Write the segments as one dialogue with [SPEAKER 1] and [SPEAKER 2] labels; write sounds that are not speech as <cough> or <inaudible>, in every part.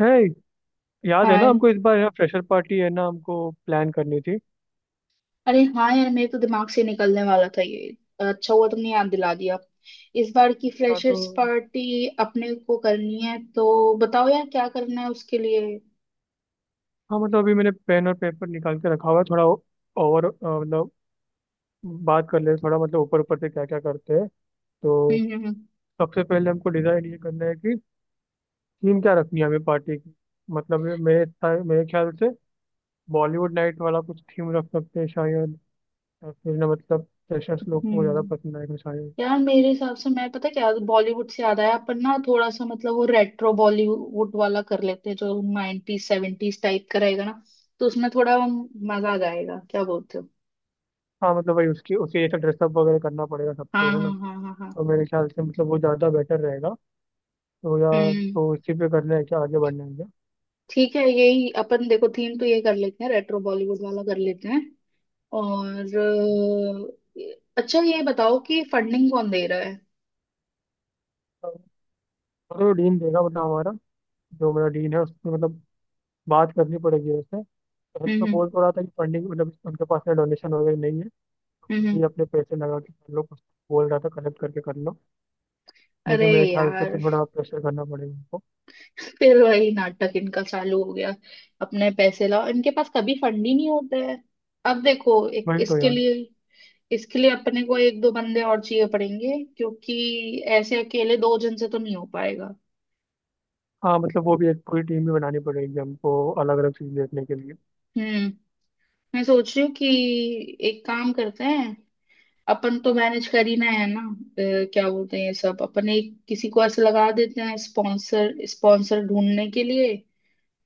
[SPEAKER 1] है। याद है ना
[SPEAKER 2] हाय।
[SPEAKER 1] हमको, इस बार है ना, फ्रेशर पार्टी है ना हमको प्लान करनी थी।
[SPEAKER 2] अरे हाँ यार, मेरे तो दिमाग से निकलने वाला था ये। अच्छा हुआ तुमने याद दिला दिया। इस बार की
[SPEAKER 1] हाँ तो,
[SPEAKER 2] फ्रेशर्स पार्टी अपने को करनी है, तो बताओ यार क्या करना है उसके लिए।
[SPEAKER 1] हाँ मतलब अभी मैंने पेन और पेपर निकाल के रखा हुआ है थोड़ा ओवर मतलब, बात कर ले थोड़ा मतलब ऊपर ऊपर से क्या क्या करते हैं तो
[SPEAKER 2] हम्म हम्म हम्म
[SPEAKER 1] सबसे पहले हमको डिसाइड ये करना है कि थीम क्या रखनी है हमें पार्टी की। मतलब ये मेरे ख्याल से बॉलीवुड नाइट वाला कुछ थीम रख सकते हैं शायद, या फिर ना मतलब फ्रेशर्स लोग को ज़्यादा
[SPEAKER 2] हम्म।
[SPEAKER 1] पसंद आएगा शायद।
[SPEAKER 2] यार मेरे हिसाब से, मैं पता क्या बॉलीवुड से याद आया, अपन ना थोड़ा सा मतलब वो रेट्रो बॉलीवुड वाला कर लेते हैं जो 90s 70s टाइप का रहेगा ना, तो उसमें थोड़ा मजा आ जाएगा, क्या बोलते हो।
[SPEAKER 1] हाँ मतलब वही उसकी उसके जैसा ड्रेसअप वगैरह करना पड़ेगा सबको,
[SPEAKER 2] हाँ
[SPEAKER 1] है ना।
[SPEAKER 2] हाँ हाँ हाँ हाँ।
[SPEAKER 1] तो मेरे ख्याल से मतलब वो ज़्यादा बेटर रहेगा। तो यार,
[SPEAKER 2] हम्म।
[SPEAKER 1] तो इसी पे करना है क्या, आगे बढ़ना है क्या?
[SPEAKER 2] ठीक है, यही अपन, देखो थीम तो ये कर लेते हैं, रेट्रो बॉलीवुड वाला कर लेते हैं। और अच्छा ये बताओ कि फंडिंग कौन दे रहा है।
[SPEAKER 1] तो डीन देगा मतलब हमारा, जो मेरा डीन है उसमें मतलब बात करनी पड़ेगी उससे। पहले तो
[SPEAKER 2] हम्म
[SPEAKER 1] बोल तो रहा था कि फंडिंग मतलब उनके पास में डोनेशन वगैरह नहीं है, तो
[SPEAKER 2] हम्म
[SPEAKER 1] खुद
[SPEAKER 2] हम्म।
[SPEAKER 1] ही अपने पैसे लगा के कर लो कुछ। बोल रहा था कलेक्ट करके कर लो,
[SPEAKER 2] अरे
[SPEAKER 1] लेकिन मेरे ख्याल से तो
[SPEAKER 2] यार
[SPEAKER 1] थोड़ा प्रेशर करना पड़ेगा उनको।
[SPEAKER 2] <laughs> फिर वही नाटक इनका चालू हो गया। अपने पैसे लाओ, इनके पास कभी फंड ही नहीं होता है। अब देखो एक,
[SPEAKER 1] वही तो यार।
[SPEAKER 2] इसके लिए अपने को एक दो बंदे और चाहिए पड़ेंगे, क्योंकि ऐसे अकेले दो जन से तो नहीं हो पाएगा।
[SPEAKER 1] हाँ मतलब वो भी एक पूरी टीम भी बनानी पड़ेगी हमको, अलग अलग चीज़ देखने के लिए।
[SPEAKER 2] हम्म। मैं सोच रही हूँ कि एक काम करते हैं, अपन तो मैनेज कर ही ना है ना, क्या बोलते हैं ये सब, अपन एक किसी को ऐसे लगा देते हैं स्पॉन्सर, स्पॉन्सर ढूंढने के लिए।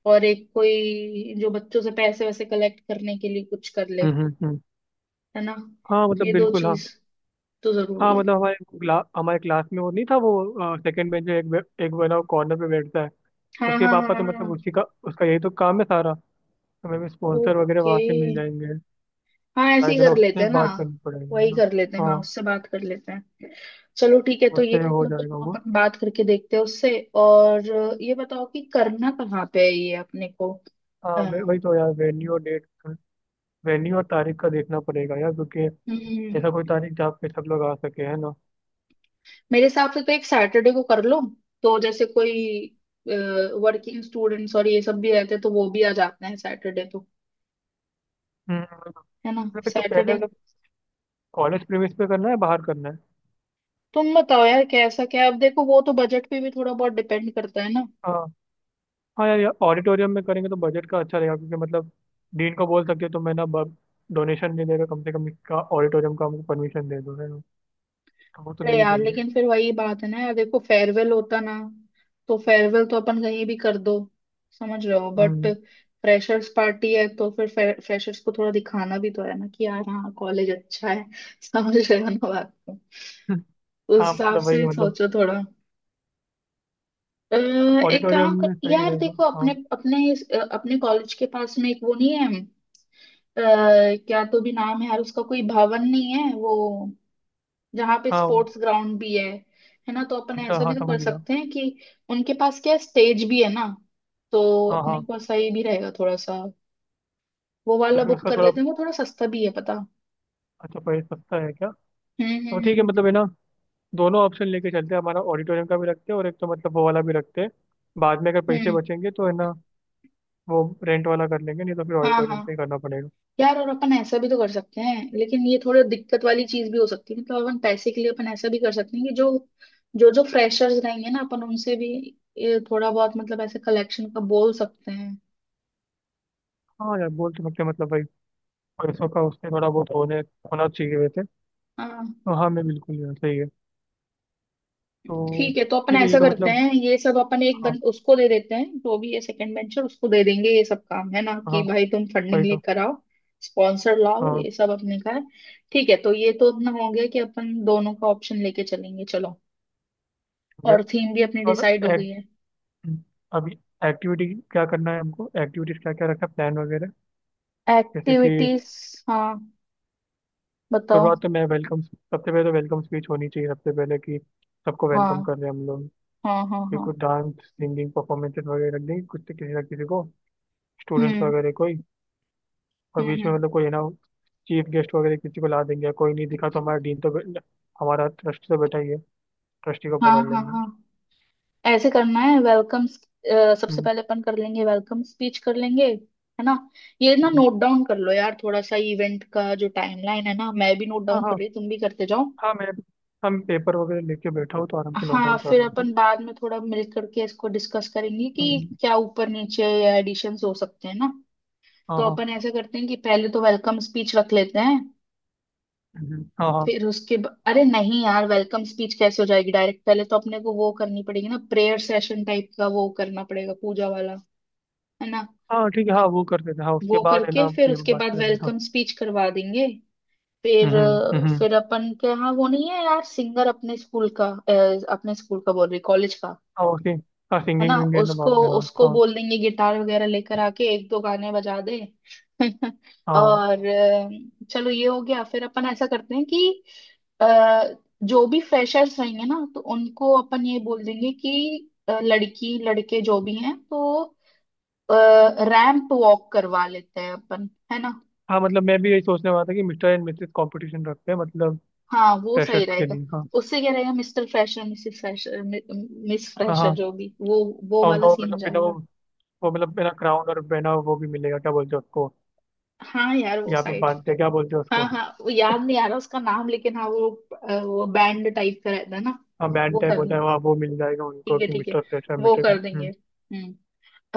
[SPEAKER 2] और एक कोई जो बच्चों से पैसे वैसे कलेक्ट करने के लिए कुछ कर ले,
[SPEAKER 1] हम्म, हम्म,
[SPEAKER 2] है ना।
[SPEAKER 1] हाँ मतलब
[SPEAKER 2] ये दो
[SPEAKER 1] बिल्कुल, हाँ।
[SPEAKER 2] चीज तो जरूरी
[SPEAKER 1] हाँ
[SPEAKER 2] है।
[SPEAKER 1] मतलब हमारे क्लास में वो नहीं था, वो सेकंड बेंच में एक वाला कॉर्नर पे बैठता है।
[SPEAKER 2] हाँ
[SPEAKER 1] उसके
[SPEAKER 2] हाँ हाँ
[SPEAKER 1] पापा
[SPEAKER 2] हाँ
[SPEAKER 1] तो
[SPEAKER 2] हाँ।
[SPEAKER 1] मतलब उसी का, उसका यही तो काम है सारा। तो हमें स्पॉन्सर वगैरह
[SPEAKER 2] ओके,
[SPEAKER 1] वहां से मिल जाएंगे
[SPEAKER 2] हाँ ऐसे
[SPEAKER 1] शायद,
[SPEAKER 2] ही
[SPEAKER 1] है ना,
[SPEAKER 2] कर लेते
[SPEAKER 1] उससे
[SPEAKER 2] हैं ना,
[SPEAKER 1] बात करनी पड़ेगी है
[SPEAKER 2] वही
[SPEAKER 1] ना।
[SPEAKER 2] कर लेते हैं, हाँ
[SPEAKER 1] हाँ
[SPEAKER 2] उससे बात कर लेते हैं। चलो ठीक है, तो ये
[SPEAKER 1] उससे हो
[SPEAKER 2] तो
[SPEAKER 1] जाएगा
[SPEAKER 2] चलो
[SPEAKER 1] वो।
[SPEAKER 2] अपन बात करके देखते हैं उससे। और ये बताओ कि करना कहाँ पे है ये अपने को।
[SPEAKER 1] हाँ वही तो यार, वेन्यू और डेट, वेन्यू और तारीख का देखना पड़ेगा यार, क्योंकि
[SPEAKER 2] हम्म।
[SPEAKER 1] ऐसा कोई तारीख जहाँ पे सब लोग आ सके, है ना।
[SPEAKER 2] मेरे हिसाब से तो एक सैटरडे को कर लो, तो जैसे कोई वर्किंग स्टूडेंट्स और ये सब भी रहते हैं तो वो भी आ जाते हैं सैटरडे तो,
[SPEAKER 1] हम्म,
[SPEAKER 2] है ना
[SPEAKER 1] मतलब एक तो पहले
[SPEAKER 2] सैटरडे।
[SPEAKER 1] मतलब कॉलेज प्रीमिस पे करना है, बाहर करना है?
[SPEAKER 2] तुम बताओ यार कैसा, क्या अब देखो वो तो बजट पे भी थोड़ा बहुत डिपेंड करता है ना।
[SPEAKER 1] हाँ हाँ यार, यार ऑडिटोरियम में करेंगे तो बजट का अच्छा रहेगा, क्योंकि मतलब डीन को बोल सकते हो तो मैं ना, डोनेशन दे देगा कम से कम, इसका ऑडिटोरियम का हमको परमिशन दे दो है ना, तो वो तो दे
[SPEAKER 2] अरे
[SPEAKER 1] ही
[SPEAKER 2] यार
[SPEAKER 1] देंगे।
[SPEAKER 2] लेकिन फिर वही बात है ना, यार देखो फेयरवेल होता ना, तो फेयरवेल तो अपन कहीं भी कर दो, समझ रहे हो, बट
[SPEAKER 1] हम्म।
[SPEAKER 2] फ्रेशर्स पार्टी है तो फिर फ्रेशर्स को थोड़ा दिखाना भी तो है ना, कि यार हाँ कॉलेज अच्छा है <laughs> समझ रहे हो ना बात।
[SPEAKER 1] <laughs>
[SPEAKER 2] उस
[SPEAKER 1] हाँ
[SPEAKER 2] हिसाब
[SPEAKER 1] मतलब
[SPEAKER 2] से
[SPEAKER 1] वही
[SPEAKER 2] ही
[SPEAKER 1] मतलब
[SPEAKER 2] सोचो थोड़ा। एक
[SPEAKER 1] ऑडिटोरियम
[SPEAKER 2] काम कर
[SPEAKER 1] में सही
[SPEAKER 2] यार,
[SPEAKER 1] रहेगा।
[SPEAKER 2] देखो
[SPEAKER 1] हाँ
[SPEAKER 2] अपने अपने अपने कॉलेज के पास में एक वो नहीं है, क्या तो भी नाम है यार उसका, कोई भवन नहीं है वो, जहाँ पे
[SPEAKER 1] हाँ,
[SPEAKER 2] स्पोर्ट्स ग्राउंड भी है ना। तो अपन
[SPEAKER 1] अच्छा
[SPEAKER 2] ऐसा
[SPEAKER 1] हाँ,
[SPEAKER 2] भी तो
[SPEAKER 1] समझ
[SPEAKER 2] कर
[SPEAKER 1] गया।
[SPEAKER 2] सकते हैं कि उनके पास क्या स्टेज भी है ना, तो
[SPEAKER 1] हाँ
[SPEAKER 2] अपने
[SPEAKER 1] हाँ।
[SPEAKER 2] को सही भी रहेगा थोड़ा सा। वो वाला
[SPEAKER 1] लेकिन
[SPEAKER 2] बुक
[SPEAKER 1] उसका
[SPEAKER 2] कर
[SPEAKER 1] थोड़ा,
[SPEAKER 2] लेते हैं, वो थोड़ा सस्ता भी है पता।
[SPEAKER 1] अच्छा प्राइस सस्ता है क्या? तो ठीक है
[SPEAKER 2] हम्म।
[SPEAKER 1] मतलब, है ना, दोनों ऑप्शन लेके चलते हैं, हमारा ऑडिटोरियम का भी रखते हैं और एक तो मतलब वो वाला भी रखते हैं। बाद में अगर पैसे
[SPEAKER 2] हम्म,
[SPEAKER 1] बचेंगे तो है ना वो रेंट वाला कर लेंगे, नहीं तो फिर
[SPEAKER 2] हाँ
[SPEAKER 1] ऑडिटोरियम
[SPEAKER 2] हाँ।
[SPEAKER 1] पे ही करना पड़ेगा।
[SPEAKER 2] यार, और अपन ऐसा भी तो कर सकते हैं, लेकिन ये थोड़ा दिक्कत वाली चीज भी हो सकती है, मतलब अपन पैसे के लिए अपन ऐसा भी कर सकते हैं कि जो जो जो फ्रेशर्स रहेंगे ना, अपन उनसे भी ये थोड़ा बहुत मतलब ऐसे कलेक्शन का बोल सकते हैं।
[SPEAKER 1] हाँ यार बोल तो सकते हैं, मतलब भाई पैसों का उससे थोड़ा बहुत होने होना चाहिए वैसे,
[SPEAKER 2] हाँ।
[SPEAKER 1] तो हाँ मैं बिल्कुल यार, सही है। तो
[SPEAKER 2] ठीक है, तो अपन
[SPEAKER 1] ठीक है ये
[SPEAKER 2] ऐसा
[SPEAKER 1] तो
[SPEAKER 2] करते
[SPEAKER 1] मतलब,
[SPEAKER 2] हैं ये सब, अपन एक
[SPEAKER 1] हाँ
[SPEAKER 2] उसको दे देते हैं जो भी ये सेकंड वेंचर, उसको दे देंगे ये सब काम, है ना कि
[SPEAKER 1] हाँ,
[SPEAKER 2] भाई तुम फंडिंग
[SPEAKER 1] वही तो।
[SPEAKER 2] लेकर आओ, स्पॉन्सर लाओ,
[SPEAKER 1] हाँ
[SPEAKER 2] ये सब अपने का है। ठीक है, तो ये तो अपना हो गया कि अपन दोनों का ऑप्शन लेके चलेंगे। चलो,
[SPEAKER 1] ठीक
[SPEAKER 2] और थीम भी अपनी डिसाइड हो
[SPEAKER 1] है।
[SPEAKER 2] गई है।
[SPEAKER 1] अब एक्टिविटी, क्या करना है हमको? एक्टिविटीज क्या क्या रखना है, प्लान वगैरह, जैसे कि
[SPEAKER 2] एक्टिविटीज। हाँ बताओ।
[SPEAKER 1] शुरुआत तो मैं वेलकम सबसे पहले तो वेलकम स्पीच होनी चाहिए सबसे पहले कि सबको वेलकम
[SPEAKER 2] हाँ
[SPEAKER 1] कर रहे हैं हम लोग।
[SPEAKER 2] हाँ हाँ
[SPEAKER 1] फिर
[SPEAKER 2] हाँ।
[SPEAKER 1] कुछ डांस सिंगिंग परफॉर्मेंसेस वगैरह रख देंगे कुछ तो, किसी ना किसी को, स्टूडेंट्स
[SPEAKER 2] हम्म
[SPEAKER 1] वगैरह कोई। और
[SPEAKER 2] हम्म
[SPEAKER 1] बीच में
[SPEAKER 2] हम्म,
[SPEAKER 1] मतलब कोई है ना चीफ गेस्ट वगैरह किसी को ला देंगे, कोई नहीं दिखा तो हमारा डीन तो हमारा ट्रस्टी तो बैठा ही है, ट्रस्टी को
[SPEAKER 2] हाँ
[SPEAKER 1] पकड़
[SPEAKER 2] हाँ
[SPEAKER 1] लेंगे।
[SPEAKER 2] हाँ। ऐसे करना है, वेलकम सबसे
[SPEAKER 1] हम्म,
[SPEAKER 2] पहले अपन कर लेंगे, वेलकम स्पीच कर लेंगे, है ना। ये ना
[SPEAKER 1] हम्म।
[SPEAKER 2] नोट डाउन कर लो यार थोड़ा सा, इवेंट का जो टाइमलाइन है ना, मैं भी नोट
[SPEAKER 1] हाँ
[SPEAKER 2] डाउन कर
[SPEAKER 1] हाँ।
[SPEAKER 2] रही हूँ, तुम भी करते जाओ।
[SPEAKER 1] हाँ मैं हम पेपर वगैरह लेके बैठा हूँ तो आराम से नोट
[SPEAKER 2] हाँ
[SPEAKER 1] डाउन कर
[SPEAKER 2] फिर
[SPEAKER 1] रहा हूँ तो
[SPEAKER 2] अपन बाद में थोड़ा मिल करके इसको डिस्कस करेंगे कि
[SPEAKER 1] हम्म,
[SPEAKER 2] क्या ऊपर नीचे या एडिशंस हो सकते हैं ना।
[SPEAKER 1] हाँ
[SPEAKER 2] तो
[SPEAKER 1] हाँ।
[SPEAKER 2] अपन ऐसा करते हैं कि पहले तो वेलकम स्पीच रख लेते हैं,
[SPEAKER 1] हाँ हाँ।
[SPEAKER 2] फिर उसके अरे नहीं यार, वेलकम स्पीच कैसे हो जाएगी डायरेक्ट, पहले तो अपने को वो करनी पड़ेगी ना, प्रेयर सेशन टाइप का वो करना पड़ेगा, पूजा वाला, है ना।
[SPEAKER 1] हाँ ठीक है हाँ, वो कर देते हैं। हाँ उसके
[SPEAKER 2] वो
[SPEAKER 1] बाद है
[SPEAKER 2] करके
[SPEAKER 1] ना
[SPEAKER 2] फिर
[SPEAKER 1] ये
[SPEAKER 2] उसके
[SPEAKER 1] बात
[SPEAKER 2] बाद
[SPEAKER 1] करनी, हाँ।
[SPEAKER 2] वेलकम स्पीच करवा देंगे। फिर
[SPEAKER 1] हम्म, हम्म।
[SPEAKER 2] फिर अपन के यहाँ वो नहीं है यार, सिंगर अपने स्कूल का, अपने स्कूल का बोल रही, कॉलेज का,
[SPEAKER 1] हाँ ओके। हाँ
[SPEAKER 2] है ना।
[SPEAKER 1] सिंगिंग विंग है ना
[SPEAKER 2] उसको
[SPEAKER 1] बाद में, हाँ
[SPEAKER 2] उसको
[SPEAKER 1] हाँ।
[SPEAKER 2] बोल देंगे गिटार वगैरह लेकर आके एक दो गाने बजा दे। <laughs>
[SPEAKER 1] हाँ
[SPEAKER 2] और चलो ये हो गया। फिर अपन ऐसा करते हैं कि अ, जो भी फ्रेशर्स रहेंगे ना तो उनको अपन ये बोल देंगे कि लड़की लड़के जो भी हैं तो रैंप वॉक करवा लेते हैं अपन, है ना।
[SPEAKER 1] हाँ मतलब, मैं भी यही सोचने वाला था कि मिस्टर एंड मिसेस कंपटीशन रखते हैं मतलब
[SPEAKER 2] हाँ वो सही
[SPEAKER 1] फ्रेशर्स के
[SPEAKER 2] रहेगा।
[SPEAKER 1] लिए, हाँ।
[SPEAKER 2] उससे क्या रहेगा, mister fresher missus fresher miss
[SPEAKER 1] हाँ
[SPEAKER 2] फ्रेशर
[SPEAKER 1] हाँ।
[SPEAKER 2] जो भी, वो
[SPEAKER 1] और
[SPEAKER 2] वाला
[SPEAKER 1] उनका वो
[SPEAKER 2] सीन हो
[SPEAKER 1] मतलब बिना वो
[SPEAKER 2] जाएगा।
[SPEAKER 1] वो मतलब बिना क्राउन और बिना वो भी मिलेगा, क्या बोलते हैं उसको?
[SPEAKER 2] हाँ यार वो
[SPEAKER 1] यहाँ पे
[SPEAKER 2] साइड।
[SPEAKER 1] बांधते हैं, क्या बोलते हैं
[SPEAKER 2] हाँ
[SPEAKER 1] उसको?
[SPEAKER 2] हाँ, वो याद नहीं आ रहा उसका नाम, लेकिन हाँ वो, वो बैंड टाइप का रहता है ना।
[SPEAKER 1] हाँ बैंड
[SPEAKER 2] वो
[SPEAKER 1] टाइप
[SPEAKER 2] कर
[SPEAKER 1] होता
[SPEAKER 2] लें,
[SPEAKER 1] है, वहाँ वो मिल जाएगा उनको
[SPEAKER 2] ठीक है
[SPEAKER 1] कि
[SPEAKER 2] ठीक है,
[SPEAKER 1] मिस्टर फ्रेशर,
[SPEAKER 2] वो
[SPEAKER 1] मिस्टर।
[SPEAKER 2] कर देंगे।
[SPEAKER 1] हम्म,
[SPEAKER 2] हम्म।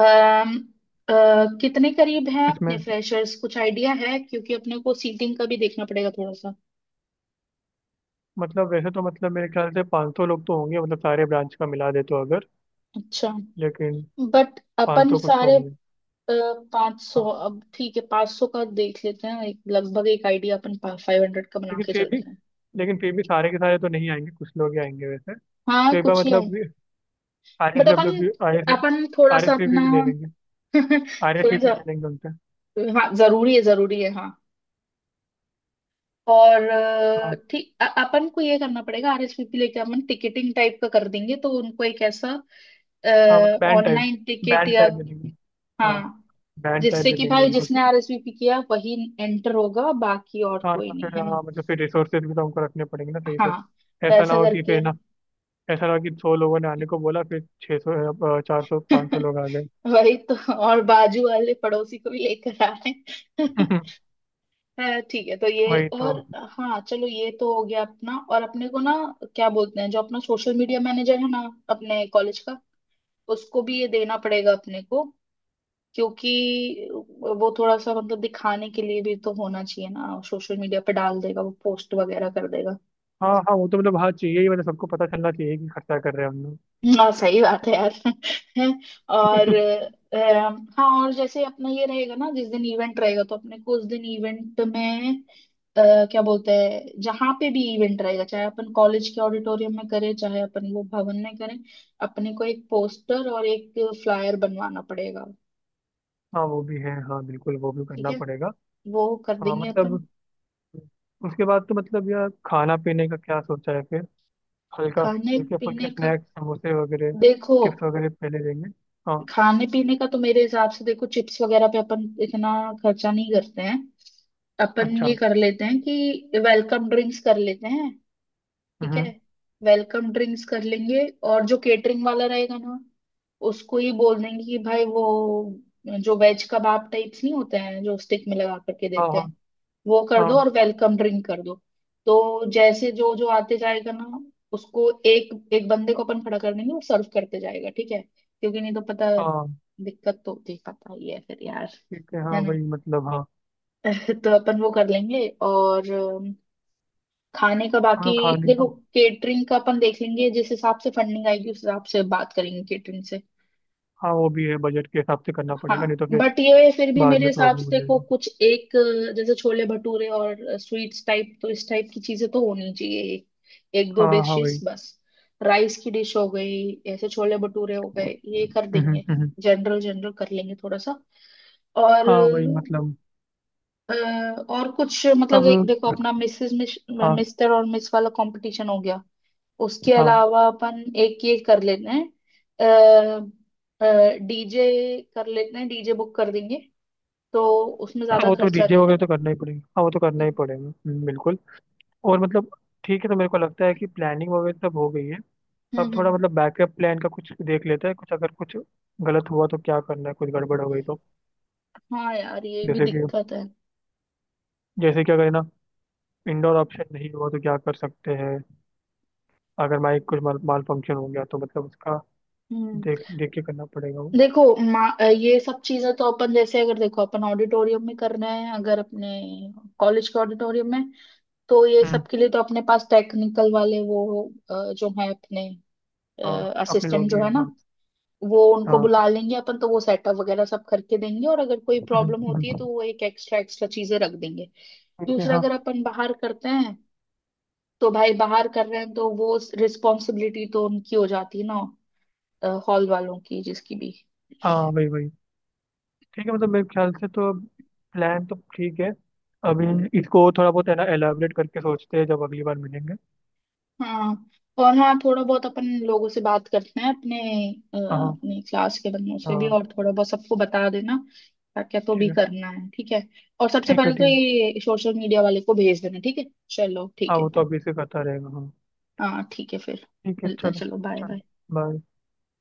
[SPEAKER 2] अम, अ, कितने करीब हैं अपने
[SPEAKER 1] इसमें
[SPEAKER 2] फ्रेशर्स, कुछ आइडिया है, क्योंकि अपने को सीटिंग का भी देखना पड़ेगा थोड़ा सा।
[SPEAKER 1] मतलब वैसे तो मतलब मेरे ख्याल से 500 लोग तो होंगे मतलब, सारे ब्रांच का मिला दे तो, अगर
[SPEAKER 2] अच्छा।
[SPEAKER 1] लेकिन
[SPEAKER 2] बट अपन
[SPEAKER 1] 500 कुछ तो
[SPEAKER 2] सारे।
[SPEAKER 1] होंगे।
[SPEAKER 2] पाँच सौ,
[SPEAKER 1] हाँ।
[SPEAKER 2] अब ठीक है, पाँच सौ का देख लेते हैं, एक लगभग एक आइडिया अपन फाइव हंड्रेड का बना
[SPEAKER 1] लेकिन
[SPEAKER 2] के
[SPEAKER 1] फिर भी
[SPEAKER 2] चलते हैं।
[SPEAKER 1] लेकिन फिर भी सारे के सारे तो नहीं आएंगे, कुछ लोग ही आएंगे वैसे।
[SPEAKER 2] हाँ
[SPEAKER 1] तो एक बार
[SPEAKER 2] कुछ ही है।
[SPEAKER 1] मतलब
[SPEAKER 2] बट अपन
[SPEAKER 1] RS,
[SPEAKER 2] अपन थोड़ा
[SPEAKER 1] आर
[SPEAKER 2] सा
[SPEAKER 1] एस
[SPEAKER 2] अपना
[SPEAKER 1] भी ले लेंगे, आर
[SPEAKER 2] <laughs>
[SPEAKER 1] एस
[SPEAKER 2] थोड़ा
[SPEAKER 1] भी
[SPEAKER 2] सा,
[SPEAKER 1] ले लेंगे उनसे।
[SPEAKER 2] हाँ जरूरी है हाँ। और
[SPEAKER 1] हाँ
[SPEAKER 2] ठीक अपन को ये करना पड़ेगा, आरएसवीपी लेके अपन टिकटिंग टाइप का कर देंगे, तो उनको एक ऐसा
[SPEAKER 1] हाँ मतलब band type,
[SPEAKER 2] online ticket
[SPEAKER 1] band
[SPEAKER 2] या,
[SPEAKER 1] टाइप दे देंगे। हाँ
[SPEAKER 2] हाँ,
[SPEAKER 1] बैंड टाइप
[SPEAKER 2] जिससे
[SPEAKER 1] दे
[SPEAKER 2] कि
[SPEAKER 1] देंगे
[SPEAKER 2] भाई
[SPEAKER 1] उनको कि,
[SPEAKER 2] जिसने आरएसवीपी किया वही एंटर होगा, बाकी और
[SPEAKER 1] हाँ
[SPEAKER 2] कोई
[SPEAKER 1] हाँ,
[SPEAKER 2] नहीं,
[SPEAKER 1] फिर हाँ
[SPEAKER 2] है ना।
[SPEAKER 1] हाँ, मतलब फिर रिसोर्सेज भी तो हमको रखने पड़ेंगे ना सही से,
[SPEAKER 2] हाँ। तो
[SPEAKER 1] ऐसा ना
[SPEAKER 2] ऐसा
[SPEAKER 1] हो कि
[SPEAKER 2] करके
[SPEAKER 1] फिर ना, ऐसा ना हो कि सौ लोगों ने आने को बोला फिर 600, 400, 500
[SPEAKER 2] <laughs>
[SPEAKER 1] लोग आ गए।
[SPEAKER 2] वही तो, और बाजू वाले पड़ोसी को भी लेकर आ रहे हैं।
[SPEAKER 1] <laughs>
[SPEAKER 2] है ठीक है, तो ये
[SPEAKER 1] वही तो।
[SPEAKER 2] और हाँ चलो ये तो हो गया अपना। और अपने को ना, क्या बोलते हैं, जो अपना सोशल मीडिया मैनेजर है ना अपने कॉलेज का, उसको भी ये देना पड़ेगा अपने को, क्योंकि वो थोड़ा सा मतलब दिखाने के लिए भी तो होना चाहिए ना, सोशल मीडिया पे डाल देगा वो, पोस्ट वगैरह कर देगा।
[SPEAKER 1] हाँ हाँ वो तो मतलब हाँ चाहिए ही, मतलब सबको पता चलना चाहिए कि खर्चा कर रहे हैं हम लोग।
[SPEAKER 2] हाँ सही बात है यार <laughs> और हाँ और जैसे अपना ये रहेगा ना, जिस दिन इवेंट रहेगा तो अपने को उस दिन इवेंट में क्या बोलते हैं, जहाँ पे भी इवेंट रहेगा, चाहे अपन कॉलेज के ऑडिटोरियम में करें चाहे अपन वो भवन में करें, अपने को एक पोस्टर और एक फ्लायर बनवाना पड़ेगा।
[SPEAKER 1] हाँ वो भी है हाँ, बिल्कुल वो भी
[SPEAKER 2] ठीक
[SPEAKER 1] करना
[SPEAKER 2] है,
[SPEAKER 1] पड़ेगा।
[SPEAKER 2] वो कर
[SPEAKER 1] हाँ
[SPEAKER 2] देंगे अपन।
[SPEAKER 1] मतलब उसके बाद तो मतलब यार, खाना पीने का क्या सोचा है फिर? हल्का
[SPEAKER 2] खाने
[SPEAKER 1] हल्के फुल्के
[SPEAKER 2] पीने का,
[SPEAKER 1] स्नैक्स, समोसे वगैरह,
[SPEAKER 2] देखो,
[SPEAKER 1] चिप्स वगैरह पहले देंगे। हाँ
[SPEAKER 2] खाने पीने का तो मेरे हिसाब से देखो चिप्स वगैरह पे अपन इतना खर्चा नहीं करते हैं। अपन ये
[SPEAKER 1] अच्छा।
[SPEAKER 2] कर लेते हैं कि वेलकम ड्रिंक्स कर लेते हैं। ठीक है,
[SPEAKER 1] हम्म,
[SPEAKER 2] वेलकम ड्रिंक्स कर लेंगे और जो केटरिंग वाला रहेगा ना, उसको ही बोल देंगे कि भाई वो जो वेज कबाब टाइप्स नहीं होते हैं जो स्टिक में लगा करके
[SPEAKER 1] हाँ
[SPEAKER 2] देते
[SPEAKER 1] हाँ।
[SPEAKER 2] हैं, वो कर दो
[SPEAKER 1] हाँ
[SPEAKER 2] और वेलकम ड्रिंक कर दो। तो जैसे जो जो आते जाएगा ना, उसको एक एक बंदे को अपन खड़ा कर देंगे, वो सर्व करते जाएगा, ठीक है, क्योंकि नहीं तो पता,
[SPEAKER 1] हाँ
[SPEAKER 2] दिक्कत तो होती है, पता ही है फिर यार,
[SPEAKER 1] ठीक है। हाँ
[SPEAKER 2] है ना।
[SPEAKER 1] वही मतलब हाँ।
[SPEAKER 2] <laughs> तो अपन वो कर लेंगे और खाने का
[SPEAKER 1] तो
[SPEAKER 2] बाकी,
[SPEAKER 1] मतलब खाने
[SPEAKER 2] देखो
[SPEAKER 1] का,
[SPEAKER 2] केटरिंग का अपन देख लेंगे जिस हिसाब से फंडिंग आएगी, उस हिसाब से बात करेंगे केटरिंग से।
[SPEAKER 1] हाँ वो भी है, बजट के हिसाब से करना
[SPEAKER 2] हाँ,
[SPEAKER 1] पड़ेगा, नहीं तो फिर
[SPEAKER 2] बट ये फिर भी
[SPEAKER 1] बाद
[SPEAKER 2] मेरे
[SPEAKER 1] में
[SPEAKER 2] हिसाब
[SPEAKER 1] प्रॉब्लम हो
[SPEAKER 2] से देखो,
[SPEAKER 1] जाएगी।
[SPEAKER 2] कुछ एक जैसे छोले भटूरे और स्वीट्स टाइप, तो इस टाइप की चीजें तो होनी चाहिए एक, एक दो
[SPEAKER 1] हाँ हाँ
[SPEAKER 2] डिशेस
[SPEAKER 1] वही।
[SPEAKER 2] बस। राइस की डिश हो गई, ऐसे छोले भटूरे हो गए, ये कर
[SPEAKER 1] हम्म, हम्म,
[SPEAKER 2] देंगे। जनरल जनरल कर लेंगे थोड़ा सा। और
[SPEAKER 1] हाँ वही मतलब।
[SPEAKER 2] अ, और कुछ मतलब
[SPEAKER 1] अब
[SPEAKER 2] देखो अपना मिसेस
[SPEAKER 1] हाँ
[SPEAKER 2] मिस्टर और मिस वाला कंपटीशन हो गया, उसके
[SPEAKER 1] हाँ
[SPEAKER 2] अलावा अपन एक ये कर लेते हैं, डीजे कर लेते हैं, डीजे बुक कर देंगे, तो उसमें
[SPEAKER 1] हाँ,
[SPEAKER 2] ज्यादा
[SPEAKER 1] वो तो
[SPEAKER 2] खर्चा
[SPEAKER 1] डीजे
[SPEAKER 2] नहीं
[SPEAKER 1] वगैरह तो
[SPEAKER 2] आएगा।
[SPEAKER 1] करना ही पड़ेगा, हाँ वो तो करना
[SPEAKER 2] ठीक
[SPEAKER 1] ही पड़ेगा, बिल्कुल। और मतलब ठीक है, तो मेरे को लगता है कि प्लानिंग वगैरह सब हो गई है।
[SPEAKER 2] है।
[SPEAKER 1] अब थोड़ा
[SPEAKER 2] हम्म।
[SPEAKER 1] मतलब बैकअप प्लान का कुछ देख लेते हैं, कुछ अगर कुछ गलत हुआ तो क्या करना है, कुछ गड़बड़ हो गई तो।
[SPEAKER 2] है। हाँ यार ये भी
[SPEAKER 1] जैसे कि
[SPEAKER 2] दिक्कत है।
[SPEAKER 1] जैसे कि अगर है ना इंडोर ऑप्शन नहीं हुआ तो क्या कर सकते हैं? अगर माइक कुछ माल फंक्शन हो गया तो मतलब उसका
[SPEAKER 2] हम्म।
[SPEAKER 1] देख देख के करना पड़ेगा वो।
[SPEAKER 2] देखो ये सब चीजें तो अपन, जैसे अगर देखो अपन ऑडिटोरियम में कर रहे हैं, अगर अपने कॉलेज के ऑडिटोरियम में, तो ये
[SPEAKER 1] हम्म,
[SPEAKER 2] सब के लिए तो अपने पास टेक्निकल वाले वो जो है अपने
[SPEAKER 1] हाँ अपने
[SPEAKER 2] असिस्टेंट
[SPEAKER 1] लोग ही
[SPEAKER 2] जो है
[SPEAKER 1] हैं
[SPEAKER 2] ना,
[SPEAKER 1] हाँ।
[SPEAKER 2] वो उनको
[SPEAKER 1] हाँ
[SPEAKER 2] बुला लेंगे अपन, तो वो सेटअप वगैरह सब करके देंगे, और अगर कोई
[SPEAKER 1] हम्म,
[SPEAKER 2] प्रॉब्लम होती है
[SPEAKER 1] हम्म,
[SPEAKER 2] तो वो एक एक्स्ट्रा एक्स्ट्रा चीजें रख देंगे।
[SPEAKER 1] ठीक है
[SPEAKER 2] दूसरा,
[SPEAKER 1] हाँ।
[SPEAKER 2] अगर अपन बाहर करते हैं, तो भाई बाहर कर रहे हैं तो वो रिस्पॉन्सिबिलिटी तो उनकी हो जाती है ना, हॉल वालों की जिसकी भी।
[SPEAKER 1] हाँ वही वही। ठीक है मतलब मेरे ख्याल से तो प्लान तो ठीक है। अभी इसको थोड़ा बहुत है ना एलाबरेट करके सोचते हैं, जब अगली बार मिलेंगे।
[SPEAKER 2] हाँ, और हाँ थोड़ा बहुत अपन लोगों से बात करते हैं अपने
[SPEAKER 1] हाँ
[SPEAKER 2] अपने क्लास के बंदों से भी,
[SPEAKER 1] हाँ।
[SPEAKER 2] और थोड़ा बहुत सबको बता देना क्या क्या तो
[SPEAKER 1] ठीक
[SPEAKER 2] भी
[SPEAKER 1] है
[SPEAKER 2] करना है, ठीक है। और सबसे
[SPEAKER 1] ठीक है।
[SPEAKER 2] पहले तो
[SPEAKER 1] ठीक है
[SPEAKER 2] ये सोशल मीडिया वाले को भेज देना, ठीक है। चलो ठीक
[SPEAKER 1] हाँ,
[SPEAKER 2] है
[SPEAKER 1] वो तो
[SPEAKER 2] फिर,
[SPEAKER 1] अभी से करता रहेगा। हाँ
[SPEAKER 2] हाँ ठीक है फिर
[SPEAKER 1] ठीक है
[SPEAKER 2] मिलते हैं,
[SPEAKER 1] चलो।
[SPEAKER 2] चलो बाय
[SPEAKER 1] चलो
[SPEAKER 2] बाय।
[SPEAKER 1] बाय।